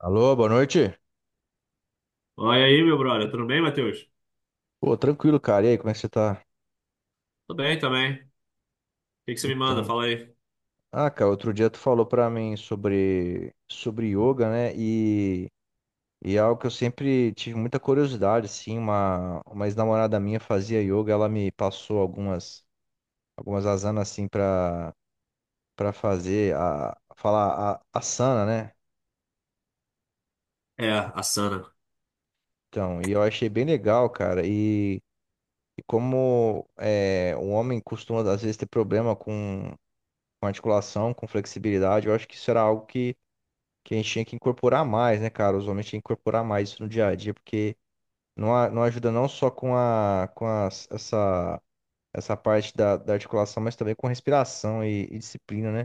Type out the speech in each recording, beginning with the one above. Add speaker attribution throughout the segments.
Speaker 1: Alô, boa noite.
Speaker 2: Olha aí, meu brother. Tudo bem, Matheus?
Speaker 1: Pô, tranquilo, cara. E aí, como é que você tá?
Speaker 2: Tudo bem também. O que você me manda?
Speaker 1: Então,
Speaker 2: Fala aí.
Speaker 1: ah, cara, outro dia tu falou pra mim sobre yoga, né? E é algo que eu sempre tive muita curiosidade, assim, uma ex-namorada minha fazia yoga, ela me passou algumas asanas assim pra para fazer a falar a asana, né?
Speaker 2: É, asana.
Speaker 1: Então, e eu achei bem legal, cara. E como é, o homem costuma às vezes ter problema com articulação, com flexibilidade, eu acho que isso era algo que a gente tinha que incorporar mais, né, cara? Os homens tinham que incorporar mais isso no dia a dia, porque não, não ajuda não só com a, essa parte da articulação, mas também com respiração e disciplina, né?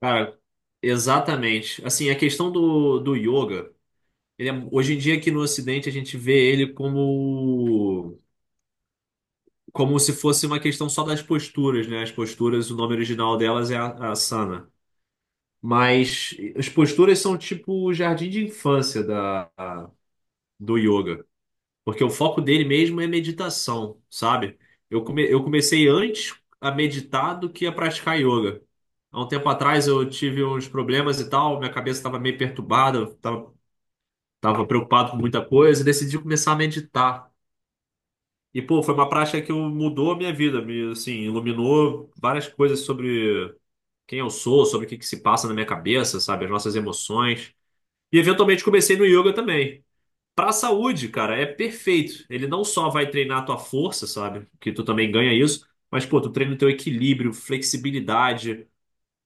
Speaker 2: Cara, exatamente. Assim, a questão do yoga, hoje em dia aqui no Ocidente a gente vê ele como, como se fosse uma questão só das posturas, né? As posturas, o nome original delas é asana. Mas as posturas são tipo o jardim de infância do yoga. Porque o foco dele mesmo é meditação, sabe? Eu comecei antes a meditar do que a praticar yoga. Há um tempo atrás eu tive uns problemas e tal, minha cabeça estava meio perturbada, tava preocupado com muita coisa, e decidi começar a meditar. E, pô, foi uma prática que mudou a minha vida, me, assim, iluminou várias coisas sobre quem eu sou, sobre o que que se passa na minha cabeça, sabe? As nossas emoções. E eventualmente comecei no yoga também. Pra saúde, cara, é perfeito. Ele não só vai treinar a tua força, sabe? Que tu também ganha isso, mas, pô, tu treina o teu equilíbrio, flexibilidade,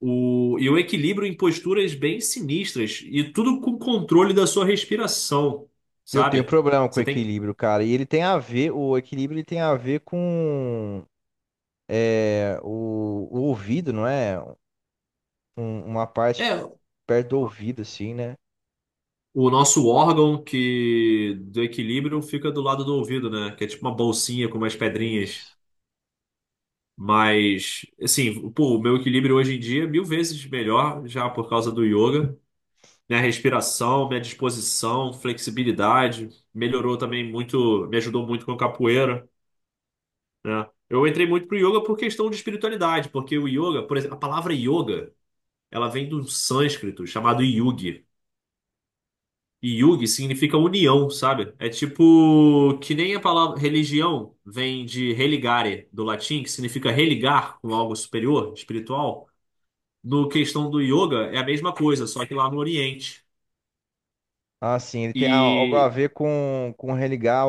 Speaker 2: e o equilíbrio em posturas bem sinistras, e tudo com controle da sua respiração,
Speaker 1: Eu tenho
Speaker 2: sabe?
Speaker 1: problema com
Speaker 2: Você tem.
Speaker 1: equilíbrio, cara, e ele tem a ver, o equilíbrio ele tem a ver com é, o ouvido, não é? Uma parte
Speaker 2: É,
Speaker 1: perto do ouvido, assim, né?
Speaker 2: o nosso órgão que do equilíbrio fica do lado do ouvido, né? Que é tipo uma bolsinha com umas pedrinhas.
Speaker 1: Isso.
Speaker 2: Mas, assim, pô, o meu equilíbrio hoje em dia é mil vezes melhor já por causa do yoga. Minha respiração, minha disposição, flexibilidade. Melhorou também muito, me ajudou muito com a capoeira, né? Eu entrei muito pro yoga por questão de espiritualidade, porque o yoga, por exemplo, a palavra yoga, ela vem do sânscrito chamado yugi. E yugi significa união, sabe? É tipo que nem a palavra religião vem de religare, do latim, que significa religar com algo superior, espiritual. No questão do yoga, é a mesma coisa, só que lá no Oriente.
Speaker 1: Ah, sim, ele tem algo a
Speaker 2: E
Speaker 1: ver com religar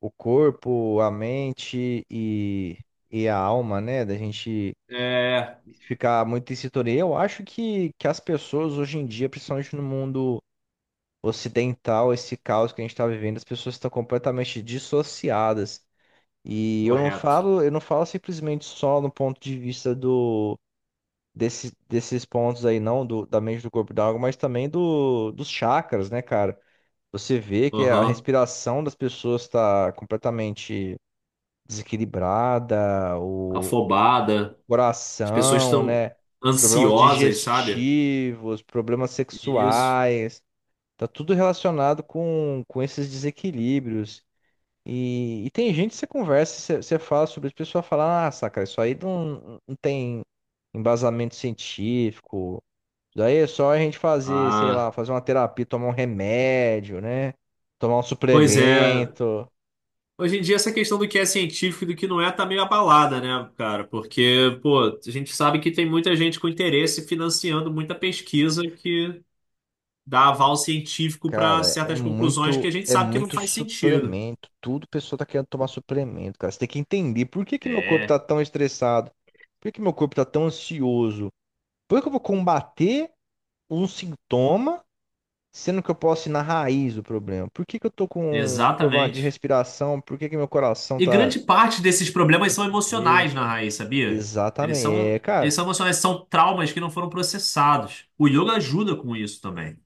Speaker 1: o corpo, a mente e a alma, né? Da gente
Speaker 2: é
Speaker 1: ficar muito em sintonia. Eu acho que as pessoas hoje em dia, principalmente no mundo ocidental, esse caos que a gente está vivendo, as pessoas estão completamente dissociadas. E eu não
Speaker 2: correto.
Speaker 1: falo, eu não falo simplesmente só no ponto de vista desses pontos aí, não, da mente, do corpo, e da alma, mas também dos chakras, né, cara? Você vê que a
Speaker 2: Aham.
Speaker 1: respiração das pessoas está completamente desequilibrada, o
Speaker 2: Afobada. As pessoas
Speaker 1: coração,
Speaker 2: estão
Speaker 1: né? Problemas
Speaker 2: ansiosas, sabe?
Speaker 1: digestivos, problemas
Speaker 2: Isso.
Speaker 1: sexuais, tá tudo relacionado com esses desequilíbrios. E tem gente que você conversa, você fala sobre isso, a pessoa fala, ah, saca, isso aí não, não tem embasamento científico, isso daí é só a gente fazer, sei lá,
Speaker 2: Ah,
Speaker 1: fazer uma terapia, tomar um remédio, né? Tomar um
Speaker 2: pois é.
Speaker 1: suplemento.
Speaker 2: Hoje em dia, essa questão do que é científico e do que não é tá meio abalada, né, cara? Porque, pô, a gente sabe que tem muita gente com interesse financiando muita pesquisa que dá aval científico para
Speaker 1: Cara, é
Speaker 2: certas conclusões que
Speaker 1: muito,
Speaker 2: a gente
Speaker 1: é
Speaker 2: sabe que não
Speaker 1: muito
Speaker 2: faz sentido.
Speaker 1: suplemento. Tudo pessoa tá querendo tomar suplemento, cara. Você tem que entender por que que meu corpo tá
Speaker 2: É,
Speaker 1: tão estressado, por que que meu corpo tá tão ansioso, por que que eu vou combater um sintoma, sendo que eu posso ir na raiz do problema? Por que que eu tô com problema de
Speaker 2: exatamente.
Speaker 1: respiração? Por que que meu coração
Speaker 2: E
Speaker 1: tá.
Speaker 2: grande parte desses problemas são emocionais
Speaker 1: Eita.
Speaker 2: na raiz, sabia? Eles
Speaker 1: Exatamente,
Speaker 2: são,
Speaker 1: é,
Speaker 2: eles
Speaker 1: cara.
Speaker 2: são emocionais, são traumas que não foram processados. O yoga ajuda com isso também,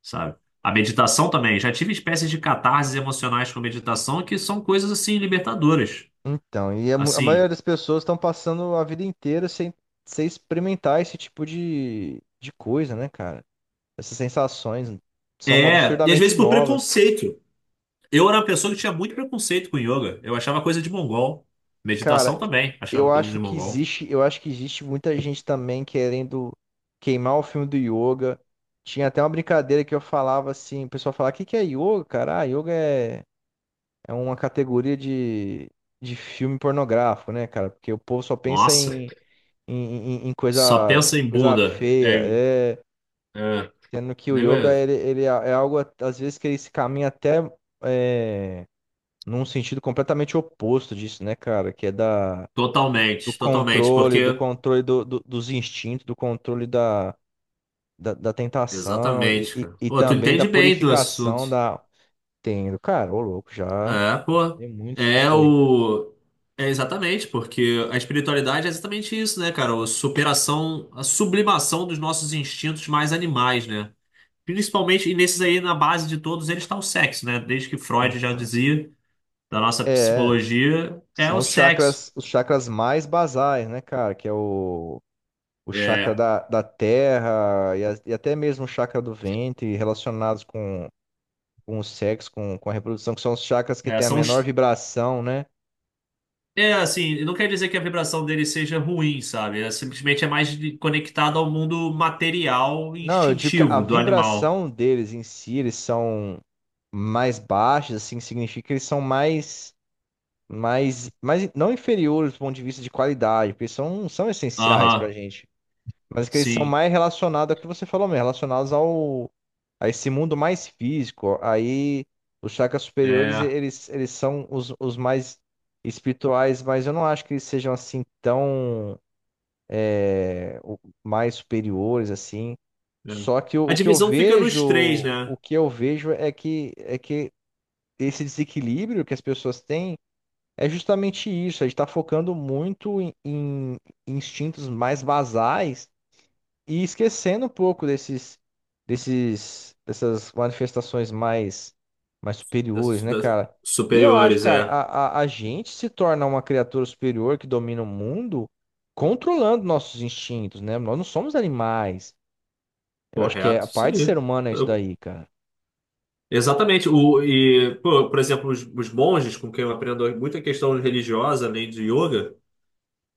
Speaker 2: sabe? A meditação também. Já tive espécies de catarses emocionais com meditação que são coisas assim libertadoras.
Speaker 1: Então, e a, a maioria
Speaker 2: Assim,
Speaker 1: das pessoas estão passando a vida inteira sem, sem experimentar esse tipo de coisa, né, cara? Essas sensações são
Speaker 2: é, e às
Speaker 1: absurdamente
Speaker 2: vezes por
Speaker 1: novas.
Speaker 2: preconceito. Eu era uma pessoa que tinha muito preconceito com yoga. Eu achava coisa de mongol.
Speaker 1: Cara,
Speaker 2: Meditação também, achava
Speaker 1: eu
Speaker 2: coisa
Speaker 1: acho
Speaker 2: de
Speaker 1: que
Speaker 2: mongol.
Speaker 1: existe, muita gente também querendo queimar o filme do yoga. Tinha até uma brincadeira que eu falava assim, o pessoal falava, o que que é yoga, cara? Ah, yoga é, é uma categoria de filme pornográfico, né, cara? Porque o povo só pensa
Speaker 2: Nossa,
Speaker 1: em, em- em coisa,
Speaker 2: só pensa
Speaker 1: em
Speaker 2: em
Speaker 1: coisa
Speaker 2: bunda.
Speaker 1: feia,
Speaker 2: É,
Speaker 1: é,
Speaker 2: é,
Speaker 1: sendo que o
Speaker 2: nego é
Speaker 1: yoga, ele é algo, às vezes, que ele se caminha até é, num sentido completamente oposto disso, né, cara? Que é da, do
Speaker 2: totalmente, totalmente,
Speaker 1: controle, do
Speaker 2: porque.
Speaker 1: controle dos instintos, do controle da tentação e,
Speaker 2: Exatamente,
Speaker 1: e,
Speaker 2: cara.
Speaker 1: e
Speaker 2: Pô, tu
Speaker 1: também da
Speaker 2: entende bem do
Speaker 1: purificação
Speaker 2: assunto.
Speaker 1: da. Entendo, cara, ô louco, já
Speaker 2: É, pô.
Speaker 1: tem muito sobre isso
Speaker 2: É
Speaker 1: daí, cara.
Speaker 2: o. É exatamente, porque a espiritualidade é exatamente isso, né, cara? A superação, a sublimação dos nossos instintos mais animais, né? Principalmente, e nesses aí, na base de todos eles está o sexo, né? Desde que Freud já
Speaker 1: Então,
Speaker 2: dizia, da nossa
Speaker 1: é,
Speaker 2: psicologia, é
Speaker 1: são
Speaker 2: o sexo.
Speaker 1: os chakras mais basais, né, cara? Que é o chakra
Speaker 2: É,
Speaker 1: da terra e até mesmo o chakra do ventre relacionados com o sexo, com a reprodução, que são os chakras que
Speaker 2: é,
Speaker 1: têm a
Speaker 2: são
Speaker 1: menor
Speaker 2: os
Speaker 1: vibração, né?
Speaker 2: é assim, não quer dizer que a vibração dele seja ruim, sabe? É, simplesmente é mais conectado ao mundo material e
Speaker 1: Não, eu digo que a
Speaker 2: instintivo do animal.
Speaker 1: vibração deles em si, eles são mais baixos, assim, significa que eles são mais não inferiores do ponto de vista de qualidade, porque eles são essenciais pra
Speaker 2: Aham,
Speaker 1: gente. Mas que eles são
Speaker 2: sim.
Speaker 1: mais relacionados ao que você falou mesmo, relacionados ao, a esse mundo mais físico. Aí os chakras superiores,
Speaker 2: É,
Speaker 1: eles são os mais espirituais, mas eu não acho que eles sejam assim tão mais superiores, assim.
Speaker 2: é.
Speaker 1: Só que o,
Speaker 2: A
Speaker 1: o que eu
Speaker 2: divisão fica
Speaker 1: vejo,
Speaker 2: nos três,
Speaker 1: o
Speaker 2: né?
Speaker 1: que eu vejo é que esse desequilíbrio que as pessoas têm é justamente isso. A gente está focando muito em instintos mais basais e esquecendo um pouco dessas manifestações mais superiores, né,
Speaker 2: Das
Speaker 1: cara? E eu acho,
Speaker 2: superiores,
Speaker 1: cara,
Speaker 2: é.
Speaker 1: a gente se torna uma criatura superior que domina o mundo controlando nossos instintos, né? Nós não somos animais. Eu acho que é a
Speaker 2: Correto, isso
Speaker 1: parte do ser
Speaker 2: aí.
Speaker 1: humano é isso
Speaker 2: Eu-
Speaker 1: daí, cara.
Speaker 2: exatamente. Pô, por exemplo, os monges, com quem eu aprendo muita questão religiosa, além de yoga.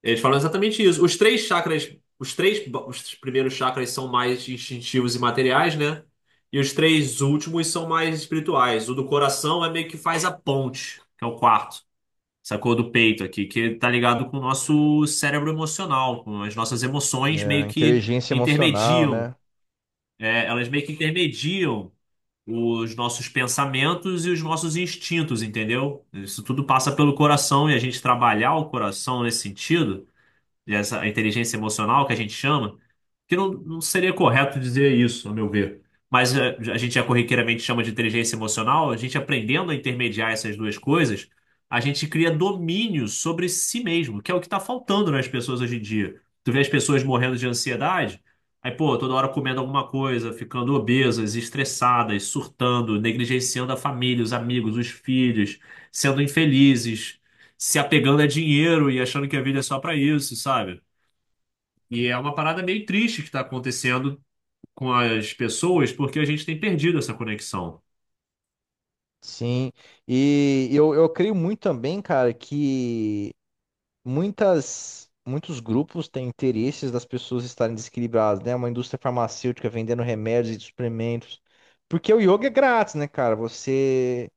Speaker 2: Eles falam exatamente isso. Os três chakras, os três, os primeiros chakras são mais instintivos e materiais, né? E os três últimos são mais espirituais. O do coração é meio que faz a ponte, que é o quarto, sacou? Do peito aqui, que tá ligado com o nosso cérebro emocional, com as nossas emoções meio
Speaker 1: É,
Speaker 2: que
Speaker 1: inteligência emocional,
Speaker 2: intermediam,
Speaker 1: né?
Speaker 2: é, elas meio que intermediam os nossos pensamentos e os nossos instintos, entendeu? Isso tudo passa pelo coração e a gente trabalhar o coração nesse sentido, essa inteligência emocional que a gente chama, que não seria correto dizer isso, a meu ver. Mas é, a gente já corriqueiramente chama de inteligência emocional, a gente aprendendo a intermediar essas duas coisas, a gente cria domínio sobre si mesmo, que é o que está faltando nas pessoas hoje em dia. Tu vê as pessoas morrendo de ansiedade, aí, pô, toda hora comendo alguma coisa, ficando obesas, estressadas, surtando, negligenciando a família, os amigos, os filhos, sendo infelizes, se apegando a dinheiro e achando que a vida é só pra isso, sabe? E é uma parada meio triste que tá acontecendo com as pessoas, porque a gente tem perdido essa conexão.
Speaker 1: Sim. E eu creio muito também, cara, que muitos grupos têm interesses das pessoas estarem desequilibradas, né? Uma indústria farmacêutica vendendo remédios e suplementos. Porque o yoga é grátis, né, cara? Você,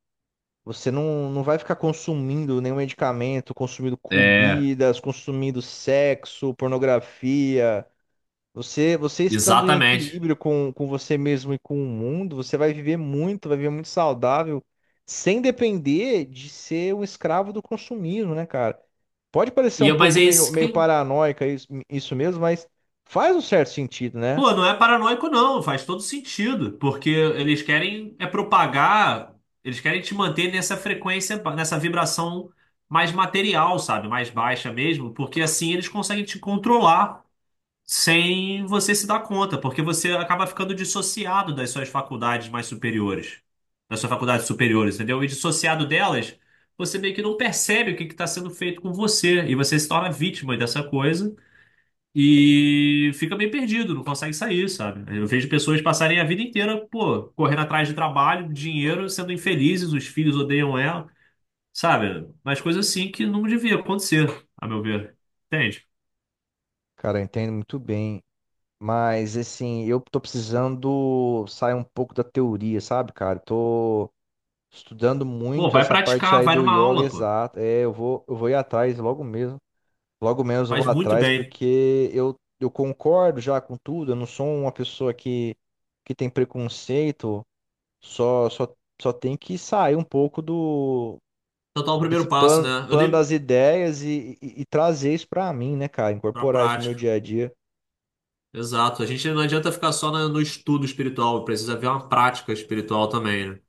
Speaker 1: você não, não vai ficar consumindo nenhum medicamento, consumindo
Speaker 2: É,
Speaker 1: comidas, consumindo sexo, pornografia. Você estando em
Speaker 2: exatamente.
Speaker 1: equilíbrio com você mesmo e com o mundo, você vai viver muito saudável, sem depender de ser um escravo do consumismo, né, cara? Pode parecer
Speaker 2: E,
Speaker 1: um
Speaker 2: mas
Speaker 1: pouco
Speaker 2: é
Speaker 1: meio,
Speaker 2: isso
Speaker 1: meio
Speaker 2: que,
Speaker 1: paranoica isso mesmo, mas faz um certo sentido, né?
Speaker 2: pô, não é paranoico, não, faz todo sentido, porque eles querem é propagar, eles querem te manter nessa frequência, nessa vibração mais material, sabe? Mais baixa mesmo, porque assim eles conseguem te controlar. Sem você se dar conta, porque você acaba ficando dissociado das suas faculdades mais superiores, das suas faculdades superiores, entendeu? E dissociado delas, você meio que não percebe o que está sendo feito com você, e você se torna vítima dessa coisa e fica meio perdido, não consegue sair, sabe? Eu vejo pessoas passarem a vida inteira, pô, correndo atrás de trabalho, dinheiro, sendo infelizes, os filhos odeiam ela, sabe? Mas coisas assim que não devia acontecer, a meu ver. Entende?
Speaker 1: Cara, eu entendo muito bem. Mas, assim, eu tô precisando sair um pouco da teoria, sabe, cara? Tô estudando
Speaker 2: Pô,
Speaker 1: muito
Speaker 2: vai
Speaker 1: essa parte
Speaker 2: praticar,
Speaker 1: aí
Speaker 2: vai
Speaker 1: do
Speaker 2: numa
Speaker 1: yoga
Speaker 2: aula, pô.
Speaker 1: exato. É, eu vou ir atrás logo mesmo. Logo menos eu
Speaker 2: Faz
Speaker 1: vou
Speaker 2: muito
Speaker 1: atrás,
Speaker 2: bem.
Speaker 1: porque eu concordo já com tudo, eu não sou uma pessoa que tem preconceito, só, só, só tem que sair um pouco do
Speaker 2: Então tá o
Speaker 1: desse
Speaker 2: primeiro passo, né?
Speaker 1: plano,
Speaker 2: Eu
Speaker 1: plano
Speaker 2: dei
Speaker 1: das ideias e trazer isso pra mim, né, cara?
Speaker 2: pra
Speaker 1: Incorporar isso no meu
Speaker 2: prática.
Speaker 1: dia a dia.
Speaker 2: Exato. A gente não adianta ficar só no estudo espiritual, precisa ver uma prática espiritual também, né?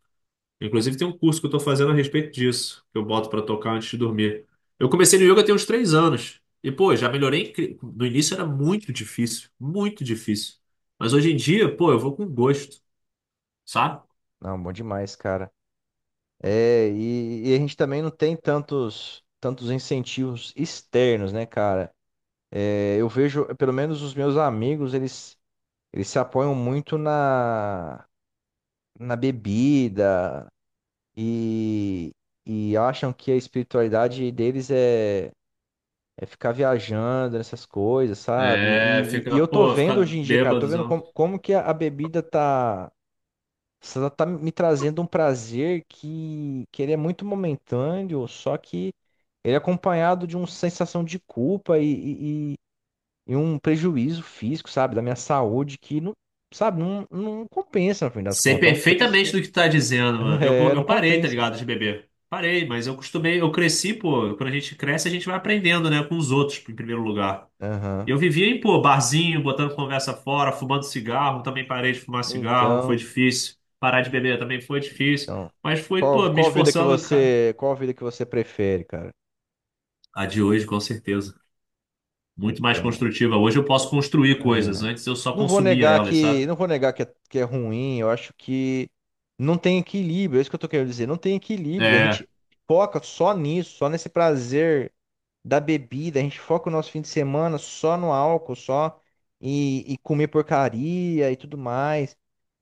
Speaker 2: Inclusive tem um curso que eu tô fazendo a respeito disso, que eu boto pra tocar antes de dormir. Eu comecei no yoga tem uns 3 anos. E, pô, já melhorei. No início era muito difícil, muito difícil. Mas hoje em dia, pô, eu vou com gosto, sabe?
Speaker 1: Não, bom demais, cara. É, e a gente também não tem tantos incentivos externos, né, cara? É, eu vejo, pelo menos os meus amigos, eles se apoiam muito na bebida e, e acham que a espiritualidade deles é ficar viajando nessas coisas, sabe?
Speaker 2: É,
Speaker 1: E
Speaker 2: fica,
Speaker 1: eu tô
Speaker 2: pô, ficar
Speaker 1: vendo hoje em dia, cara, tô vendo como,
Speaker 2: bêbado.
Speaker 1: como que a bebida tá, ela tá me trazendo um prazer que ele é muito momentâneo, só que ele é acompanhado de uma sensação de culpa e um prejuízo físico, sabe? Da minha saúde que não, sabe, não, não compensa no fim das
Speaker 2: Sei
Speaker 1: contas. É um preço
Speaker 2: perfeitamente
Speaker 1: que
Speaker 2: do que tu tá dizendo, mano.
Speaker 1: é, não
Speaker 2: Eu parei, tá
Speaker 1: compensa.
Speaker 2: ligado, de beber. Parei, mas eu costumei, eu cresci, pô. Quando a gente cresce, a gente vai aprendendo, né, com os outros, em primeiro lugar.
Speaker 1: Aham.
Speaker 2: Eu vivia em, pô, barzinho, botando conversa fora, fumando cigarro. Também parei de fumar cigarro, foi
Speaker 1: Então,
Speaker 2: difícil. Parar de beber também foi difícil.
Speaker 1: então.
Speaker 2: Mas fui,
Speaker 1: Qual,
Speaker 2: pô, me
Speaker 1: qual vida que
Speaker 2: esforçando, cara.
Speaker 1: você, qual vida que você prefere, cara?
Speaker 2: A de hoje, com certeza. Muito mais
Speaker 1: Então,
Speaker 2: construtiva. Hoje eu posso construir coisas.
Speaker 1: é,
Speaker 2: Antes eu só
Speaker 1: não vou
Speaker 2: consumia
Speaker 1: negar
Speaker 2: elas,
Speaker 1: que,
Speaker 2: sabe?
Speaker 1: não vou negar que é, que é ruim. Eu acho que não tem equilíbrio. É isso que eu tô querendo dizer. Não tem equilíbrio. A
Speaker 2: É,
Speaker 1: gente foca só nisso, só nesse prazer da bebida. A gente foca o nosso fim de semana só no álcool, só e comer porcaria e tudo mais.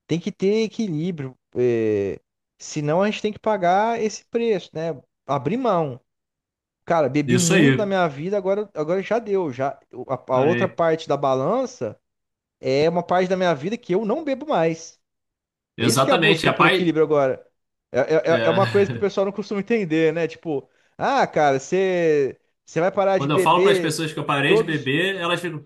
Speaker 1: Tem que ter equilíbrio, é, senão a gente tem que pagar esse preço, né? Abrir mão. Cara, bebi
Speaker 2: isso
Speaker 1: muito na
Speaker 2: aí.
Speaker 1: minha vida, agora, agora já deu. Já, a outra
Speaker 2: Parei.
Speaker 1: parte da balança é uma parte da minha vida que eu não bebo mais. É isso que é a
Speaker 2: Exatamente.
Speaker 1: busca
Speaker 2: A
Speaker 1: por
Speaker 2: pai.
Speaker 1: equilíbrio agora. É, é, é uma coisa que o
Speaker 2: É.
Speaker 1: pessoal não costuma entender, né? Tipo, ah, cara, você vai parar de
Speaker 2: Quando eu falo para as
Speaker 1: beber
Speaker 2: pessoas que eu parei de
Speaker 1: todos.
Speaker 2: beber, elas ficam,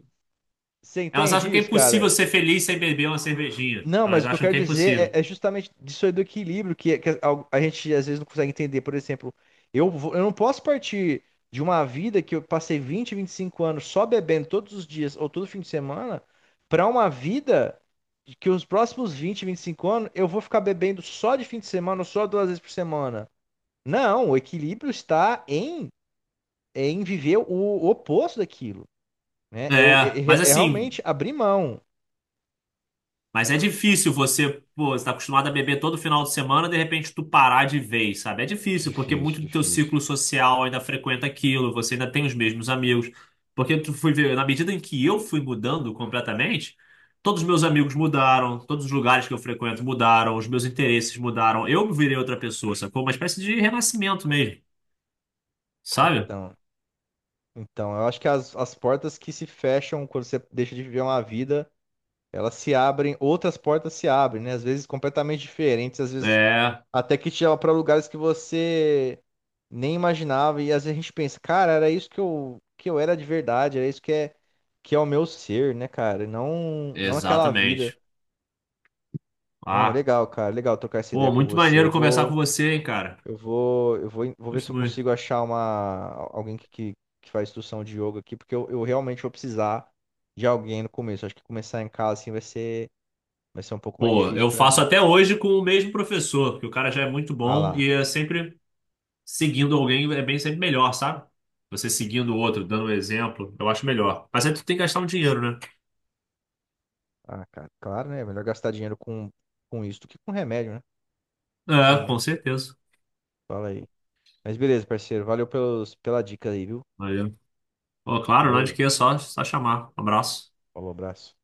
Speaker 1: Você
Speaker 2: elas acham
Speaker 1: entende
Speaker 2: que é
Speaker 1: isso,
Speaker 2: impossível
Speaker 1: cara?
Speaker 2: ser feliz sem beber uma cervejinha.
Speaker 1: Não, mas
Speaker 2: Elas
Speaker 1: o que eu
Speaker 2: acham
Speaker 1: quero
Speaker 2: que é
Speaker 1: dizer
Speaker 2: impossível.
Speaker 1: é, é justamente disso aí do equilíbrio que a gente às vezes não consegue entender. Por exemplo, eu, eu não posso partir de uma vida que eu passei vinte e cinco anos só bebendo todos os dias ou todo fim de semana para uma vida de que os próximos vinte e cinco anos eu vou ficar bebendo só de fim de semana ou só 2 vezes por semana. Não, o equilíbrio está em viver o oposto daquilo, né? Eu, é
Speaker 2: É, mas
Speaker 1: é
Speaker 2: assim,
Speaker 1: realmente abrir mão.
Speaker 2: mas é difícil você, pô, você tá acostumado a beber todo final de semana, de repente tu parar de vez, sabe? É difícil, porque
Speaker 1: Difícil,
Speaker 2: muito do teu
Speaker 1: difícil.
Speaker 2: ciclo social ainda frequenta aquilo, você ainda tem os mesmos amigos. Porque tu fui ver, na medida em que eu fui mudando completamente, todos os meus amigos mudaram, todos os lugares que eu frequento mudaram, os meus interesses mudaram, eu virei outra pessoa, sacou? Uma espécie de renascimento mesmo. Sabe?
Speaker 1: Então. Então, eu acho que as portas que se fecham quando você deixa de viver uma vida, elas se abrem, outras portas se abrem, né? Às vezes completamente diferentes, às vezes
Speaker 2: É,
Speaker 1: até que te leva para lugares que você nem imaginava. E às vezes a gente pensa, cara, era isso que eu era de verdade, era isso que é o meu ser, né, cara? E não, não aquela vida.
Speaker 2: exatamente.
Speaker 1: Ah, mas
Speaker 2: Ah,
Speaker 1: legal, cara, legal trocar essa ideia
Speaker 2: pô,
Speaker 1: com
Speaker 2: muito
Speaker 1: você.
Speaker 2: maneiro
Speaker 1: Eu
Speaker 2: conversar com
Speaker 1: vou.
Speaker 2: você, hein, cara.
Speaker 1: Eu vou, eu vou, vou ver se
Speaker 2: Gosto
Speaker 1: eu
Speaker 2: muito.
Speaker 1: consigo achar alguém que faz instrução de yoga aqui, porque eu realmente vou precisar de alguém no começo. Acho que começar em casa assim vai ser um pouco mais
Speaker 2: Pô,
Speaker 1: difícil
Speaker 2: eu
Speaker 1: pra
Speaker 2: faço
Speaker 1: mim.
Speaker 2: até hoje com o mesmo professor, porque o cara já é muito
Speaker 1: Ah
Speaker 2: bom
Speaker 1: lá.
Speaker 2: e é sempre seguindo alguém é bem sempre melhor, sabe? Você seguindo o outro, dando um exemplo, eu acho melhor. Mas aí tu tem que gastar um dinheiro, né?
Speaker 1: Ah, cara, claro, né? Melhor gastar dinheiro com isso do que com remédio, né?
Speaker 2: É, com
Speaker 1: Suplemento.
Speaker 2: certeza.
Speaker 1: Fala aí. Mas beleza, parceiro. Valeu pela dica aí, viu?
Speaker 2: Valeu. Pô, claro, não é de
Speaker 1: Falou,
Speaker 2: que, é só, só chamar. Um abraço.
Speaker 1: falou, abraço.